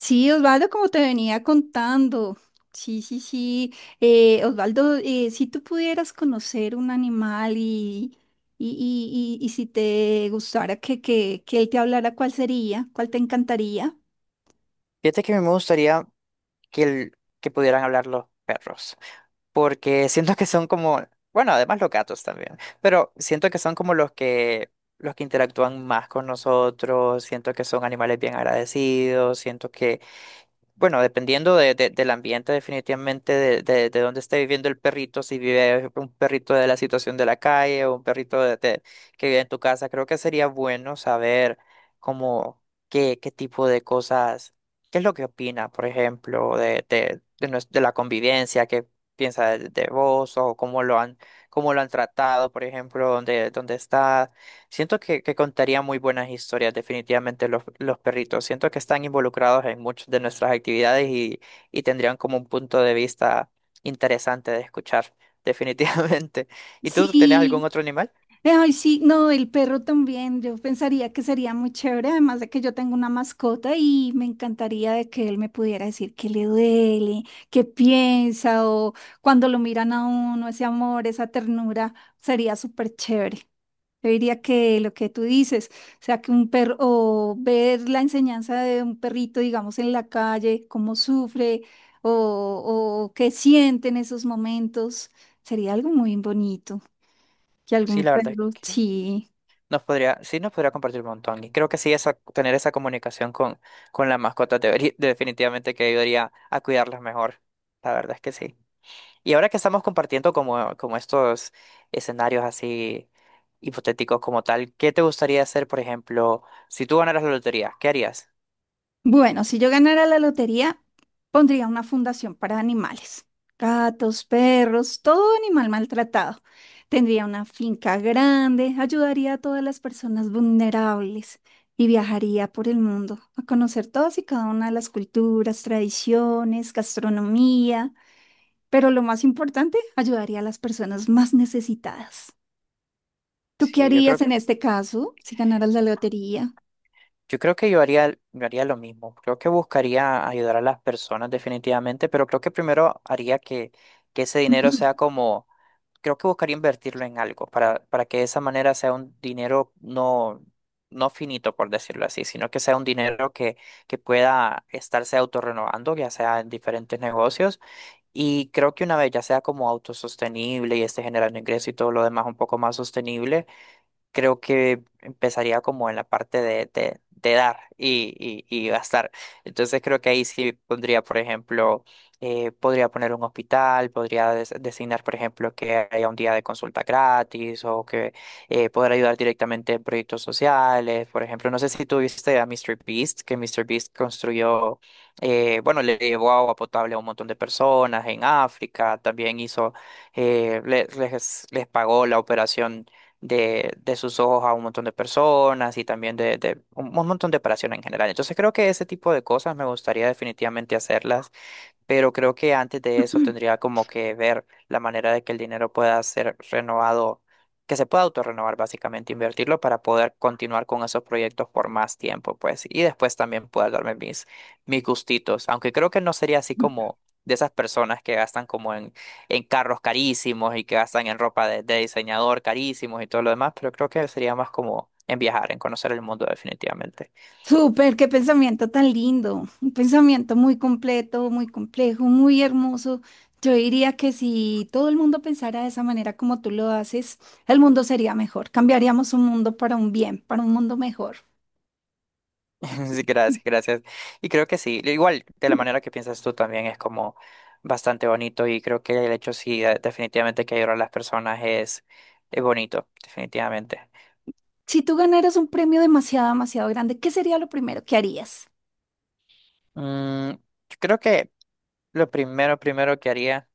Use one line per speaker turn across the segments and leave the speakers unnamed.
Sí, Osvaldo, como te venía contando. Sí, sí, sí. Osvaldo, si tú pudieras conocer un animal y si te gustara que él te hablara, ¿cuál sería? ¿Cuál te encantaría?
Fíjate que a mí me gustaría que, que pudieran hablar los perros, porque siento que son como, bueno, además los gatos también, pero siento que son como los que interactúan más con nosotros, siento que son animales bien agradecidos, siento que bueno, dependiendo del ambiente, definitivamente de dónde esté viviendo el perrito, si vive un perrito de la situación de la calle o un perrito que vive en tu casa, creo que sería bueno saber cómo, qué tipo de cosas, qué es lo que opina, por ejemplo, de la convivencia, qué piensa de vos o cómo lo han tratado, por ejemplo, dónde está. Siento que contaría muy buenas historias, definitivamente los perritos. Siento que están involucrados en muchas de nuestras actividades y tendrían como un punto de vista interesante de escuchar, definitivamente. ¿Y tú tenías algún
Sí,
otro animal?
ay, sí, no, el perro también. Yo pensaría que sería muy chévere, además de que yo tengo una mascota y me encantaría de que él me pudiera decir qué le duele, qué piensa o cuando lo miran a uno, ese amor, esa ternura, sería súper chévere. Yo diría que lo que tú dices, o sea, que un perro, o ver la enseñanza de un perrito, digamos, en la calle, cómo sufre o qué siente en esos momentos, sería algo muy bonito. Que
Sí,
algún
la verdad es
perro,
que
sí.
nos podría, sí nos podría compartir un montón. Y creo que sí, esa, tener esa comunicación con las mascotas debería- definitivamente que ayudaría a cuidarlas mejor. La verdad es que sí. Y ahora que estamos compartiendo como, como estos escenarios así hipotéticos como tal, ¿qué te gustaría hacer, por ejemplo, si tú ganaras la lotería? ¿Qué harías?
Bueno, si yo ganara la lotería, pondría una fundación para animales. Gatos, perros, todo animal maltratado. Tendría una finca grande, ayudaría a todas las personas vulnerables y viajaría por el mundo a conocer todas y cada una de las culturas, tradiciones, gastronomía. Pero lo más importante, ayudaría a las personas más necesitadas. ¿Tú qué
Sí, yo
harías
creo,
en este caso si ganaras la lotería?
yo haría lo mismo. Creo que buscaría ayudar a las personas definitivamente, pero creo que primero haría que ese dinero sea como creo que buscaría invertirlo en algo para que de esa manera sea un dinero no, no finito, por decirlo así, sino que sea un dinero que pueda estarse autorrenovando, ya sea en diferentes negocios. Y creo que una vez ya sea como autosostenible y esté generando ingreso y todo lo demás un poco más sostenible creo que empezaría como en la parte de dar y gastar. Entonces creo que ahí sí pondría, por ejemplo, podría poner un hospital, podría designar, por ejemplo, que haya un día de consulta gratis o que poder ayudar directamente en proyectos sociales. Por ejemplo, no sé si tú viste a Mr. Beast, que Mr. Beast construyó, bueno, le llevó agua potable a un montón de personas en África, también hizo les pagó la operación de sus ojos a un montón de personas y también un montón de operaciones en general. Entonces creo que ese tipo de cosas me gustaría definitivamente hacerlas pero creo que antes de eso tendría como que ver la manera de que el dinero pueda ser renovado, que se pueda autorrenovar básicamente, invertirlo para poder continuar con esos proyectos por más tiempo, pues, y después también poder darme mis gustitos, aunque creo que no sería así como de esas personas que gastan como en carros carísimos y que gastan en ropa de diseñador carísimos y todo lo demás, pero creo que sería más como en viajar, en conocer el mundo definitivamente.
Súper, qué pensamiento tan lindo, un pensamiento muy completo, muy complejo, muy hermoso. Yo diría que si todo el mundo pensara de esa manera como tú lo haces, el mundo sería mejor. Cambiaríamos un mundo para un bien, para un mundo mejor.
Sí, gracias, gracias. Y creo que sí, igual de la manera que piensas tú también es como bastante bonito y creo que el hecho sí, definitivamente que ayudar a las personas es bonito, definitivamente.
Si tú ganaras un premio demasiado, demasiado grande, ¿qué sería lo primero que harías?
Mm, yo creo que lo primero, primero que haría,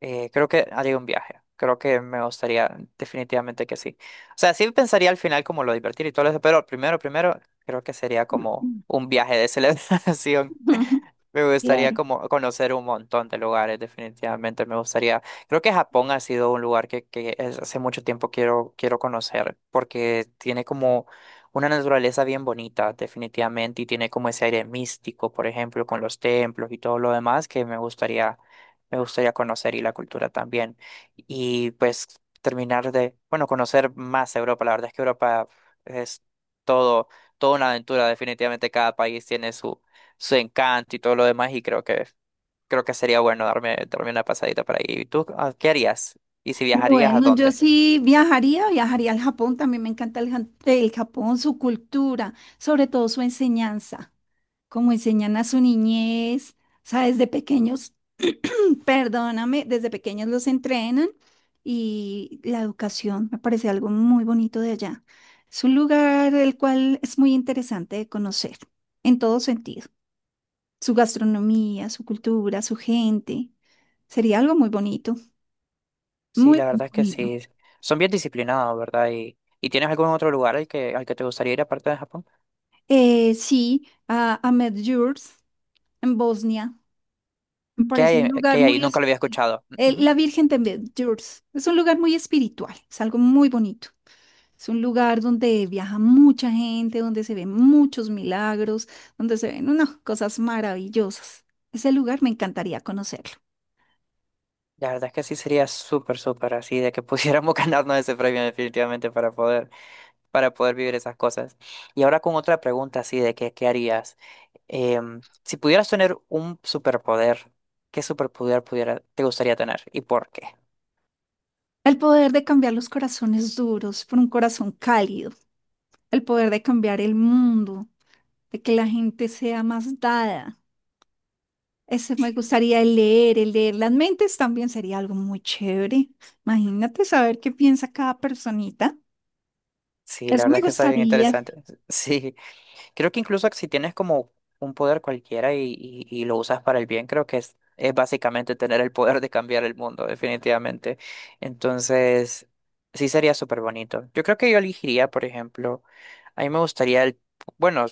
creo que haría un viaje. Creo que me gustaría, definitivamente que sí. O sea, sí pensaría al final como lo divertir y todo eso, pero primero, primero, creo que sería como un viaje de celebración. Me gustaría
Claro.
como conocer un montón de lugares, definitivamente me gustaría. Creo que Japón ha sido un lugar que hace mucho tiempo quiero, quiero conocer, porque tiene como una naturaleza bien bonita, definitivamente, y tiene como ese aire místico, por ejemplo, con los templos y todo lo demás que me gustaría conocer y la cultura también. Y pues terminar de, bueno, conocer más Europa. La verdad es que Europa es todo, toda una aventura, definitivamente cada país tiene su encanto y todo lo demás y creo que sería bueno darme, darme una pasadita por ahí. ¿Y tú ah, qué harías? ¿Y si viajarías a
Bueno, yo
dónde?
sí viajaría, viajaría al Japón, también me encanta el Japón, su cultura, sobre todo su enseñanza. Como enseñan a su niñez, o sea, desde pequeños, perdóname, desde pequeños los entrenan y la educación me parece algo muy bonito de allá. Es un lugar el cual es muy interesante de conocer en todo sentido. Su gastronomía, su cultura, su gente. Sería algo muy bonito,
Sí,
muy
la verdad es que
bonito.
sí. Son bien disciplinados, ¿verdad? Y tienes algún otro lugar al que te gustaría ir aparte de Japón?
Sí, a Medjugorje en Bosnia. Me parece un
Qué
lugar
hay ahí?
muy...
Nunca lo había escuchado. Ujú.
la Virgen de Medjugorje es un lugar muy espiritual, es algo muy bonito. Es un lugar donde viaja mucha gente, donde se ven muchos milagros, donde se ven unas cosas maravillosas. Ese lugar me encantaría conocerlo.
La verdad es que sí sería súper, súper así de que pudiéramos ganarnos ese premio definitivamente para poder vivir esas cosas. Y ahora con otra pregunta así de que, ¿qué harías? Em, si pudieras tener un superpoder, ¿qué superpoder pudiera, te gustaría tener y por qué?
El poder de cambiar los corazones duros por un corazón cálido, el poder de cambiar el mundo, de que la gente sea más dada. Eso me gustaría, el leer las mentes también sería algo muy chévere. Imagínate saber qué piensa cada personita.
Sí, la
Eso me
verdad es que está bien
gustaría.
interesante. Sí, creo que incluso si tienes como un poder cualquiera y lo usas para el bien, creo que es básicamente tener el poder de cambiar el mundo, definitivamente. Entonces, sí sería súper bonito. Yo creo que yo elegiría, por ejemplo, a mí me gustaría el, bueno,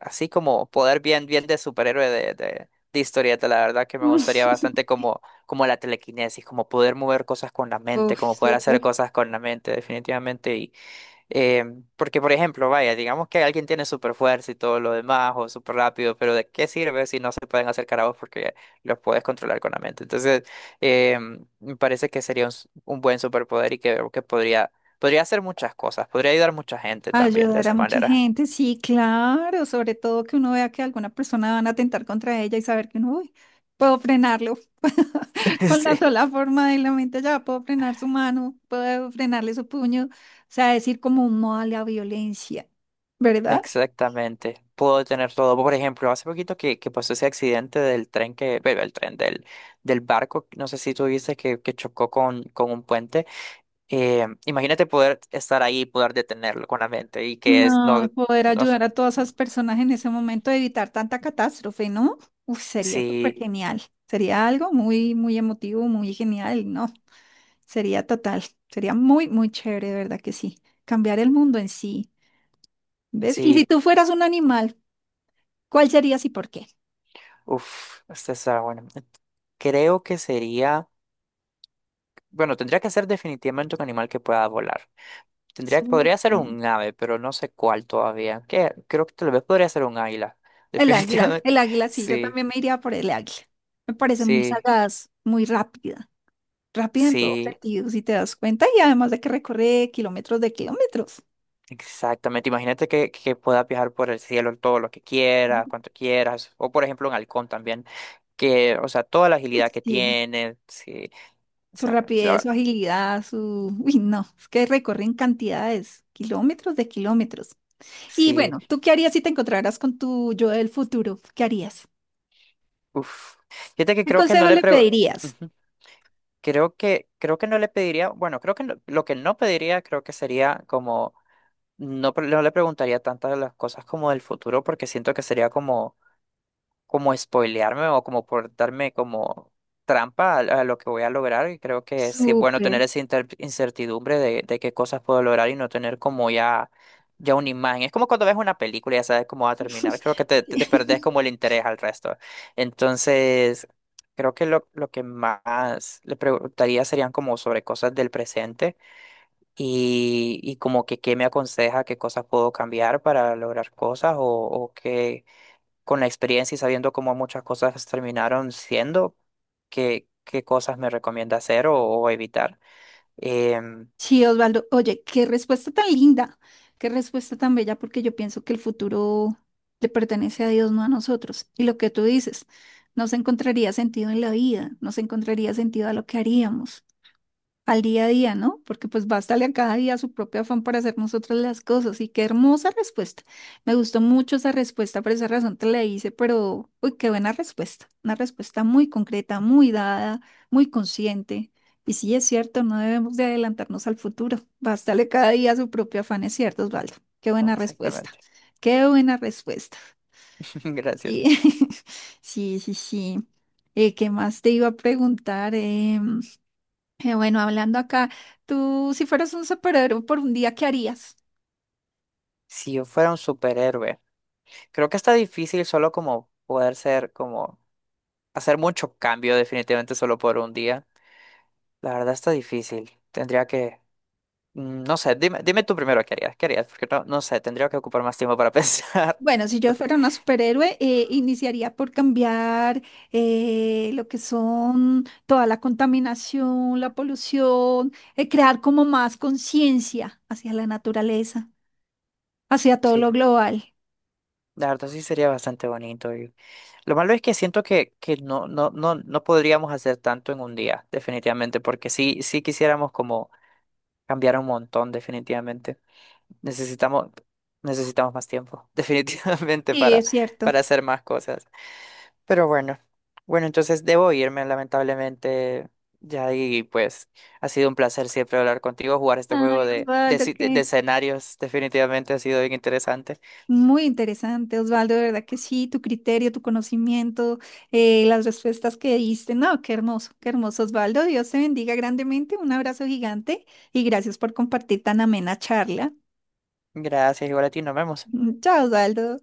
así como poder bien, bien de superhéroe de historieta, la verdad que me gustaría bastante como, como la telequinesis, como poder mover cosas con la mente,
Uf,
como poder hacer
súper.
cosas con la mente, definitivamente. Eh, Porque, por ejemplo, vaya, digamos que alguien tiene super fuerza y todo lo demás, o súper rápido, pero ¿de qué sirve si no se pueden acercar a vos porque los puedes controlar con la mente? Entonces, eh, me parece que sería un, un buen superpoder y que podría, podría hacer muchas cosas, podría ayudar a mucha gente también de
Ayudar a
esa
mucha
manera.
gente, sí, claro. Sobre todo que uno vea que alguna persona van a atentar contra ella y saber que uno, uy, puedo frenarlo. Con
Sí,
la sola forma de la mente ya puedo frenar su mano, puedo frenarle su puño. O sea, decir como un modo a la violencia, ¿verdad?
exactamente. Puedo tener todo. Por ejemplo, hace poquito que pasó ese accidente del tren que, bueno, el tren del, del barco, no sé si tú viste que chocó con un puente. Imagínate poder estar ahí y poder detenerlo con la mente y que es,
No, y
no,
poder
no,
ayudar a todas esas personas en ese momento a evitar tanta catástrofe, ¿no? Uf, sería súper
sí,
genial. Sería algo muy, muy emotivo, muy genial, ¿no? Sería total. Sería muy, muy chévere, de verdad que sí. Cambiar el mundo en sí. ¿Ves? Y si
sí,
tú fueras un animal, ¿cuál serías y por qué?
uff, esta está bueno. Creo que sería, bueno, tendría que ser definitivamente un animal que pueda volar. Tendría, podría ser
Súper.
un ave, pero no sé cuál todavía. Que creo que tal vez podría ser un águila, definitivamente.
El águila, sí, yo
Sí,
también me iría por el águila. Me parece muy
sí,
sagaz, muy rápida. Rápida en todos
sí.
sentidos, si te das cuenta, y además de que recorre kilómetros de kilómetros.
Exactamente, imagínate que puedas viajar por el cielo todo lo que quieras, cuanto quieras, o por ejemplo en Halcón también, que, o sea, toda la agilidad que
Sí,
tiene, sí, o
su
sea,
rapidez,
la-
su agilidad, su... Uy, no, es que recorren cantidades, kilómetros de kilómetros. Y
sí,
bueno, ¿tú qué harías si te encontraras con tu yo del futuro? ¿Qué harías?
uff. Fíjate que
¿Qué
creo que no
consejo
le
le
prego,
pedirías?
Ujú. Creo que no le pediría, bueno, creo que no- lo que no pediría creo que sería como, no, pre- no le preguntaría tantas las cosas como del futuro, porque siento que sería como como spoilearme o como por darme como trampa a lo que voy a lograr. Y creo que sí es sí, bueno tener
Súper.
esa incertidumbre de qué cosas puedo lograr y no tener como ya, ya una imagen. Es como cuando ves una película y ya sabes cómo va a terminar. Creo que te, te perdés como el interés al resto. Entonces, creo que lo que más le preguntaría serían como sobre cosas del presente y como que qué me aconseja, qué cosas puedo cambiar para lograr cosas o qué con la experiencia y sabiendo cómo muchas cosas terminaron siendo, qué, qué cosas me recomienda hacer o evitar. Em,
Sí, Osvaldo, oye, qué respuesta tan linda, qué respuesta tan bella, porque yo pienso que el futuro le pertenece a Dios, no a nosotros. Y lo que tú dices, no se encontraría sentido en la vida, no se encontraría sentido a lo que haríamos. Al día a día, ¿no? Porque pues bástale a cada día su propio afán para hacer nosotros las cosas. Y qué hermosa respuesta. Me gustó mucho esa respuesta, por esa razón te la hice, pero uy, qué buena respuesta. Una respuesta muy concreta, muy dada, muy consciente. Y sí, es cierto, no debemos de adelantarnos al futuro. Bástale cada día su propio afán, es cierto, Osvaldo. Qué buena respuesta.
exactamente.
Qué buena respuesta.
Gracias.
Sí, sí, sí, sí. ¿Qué más te iba a preguntar? Bueno, hablando acá, tú si fueras un superhéroe por un día, ¿qué harías?
Si yo fuera un superhéroe, creo que está difícil solo como poder ser, como hacer mucho cambio definitivamente solo por un día. La verdad está difícil. Tendría que, mm, no sé, dime, dime tú primero qué harías, porque no, no sé, tendría que ocupar más tiempo para pensar.
Bueno, si yo fuera una superhéroe, iniciaría por cambiar lo que son toda la contaminación, la polución, crear como más conciencia hacia la naturaleza, hacia todo
Sí,
lo global.
la verdad sí sería bastante bonito. Lo malo es que siento que no, no, no, no podríamos hacer tanto en un día, definitivamente, porque sí, sí quisiéramos como cambiar un montón, definitivamente. Necesitamos, necesitamos más tiempo, definitivamente,
Sí, es cierto.
para hacer más cosas. Pero bueno, bueno, entonces debo irme, lamentablemente. Ya y pues ha sido un placer siempre hablar contigo, jugar este juego
Ay,
de,
Osvaldo,
si- de
qué...
escenarios, definitivamente ha sido bien interesante.
Muy interesante, Osvaldo, de verdad que sí, tu criterio, tu conocimiento, las respuestas que diste, no, qué hermoso, Osvaldo, Dios te bendiga grandemente, un abrazo gigante y gracias por compartir tan amena charla.
Gracias, igual a ti, nos vemos.
Chao, Osvaldo.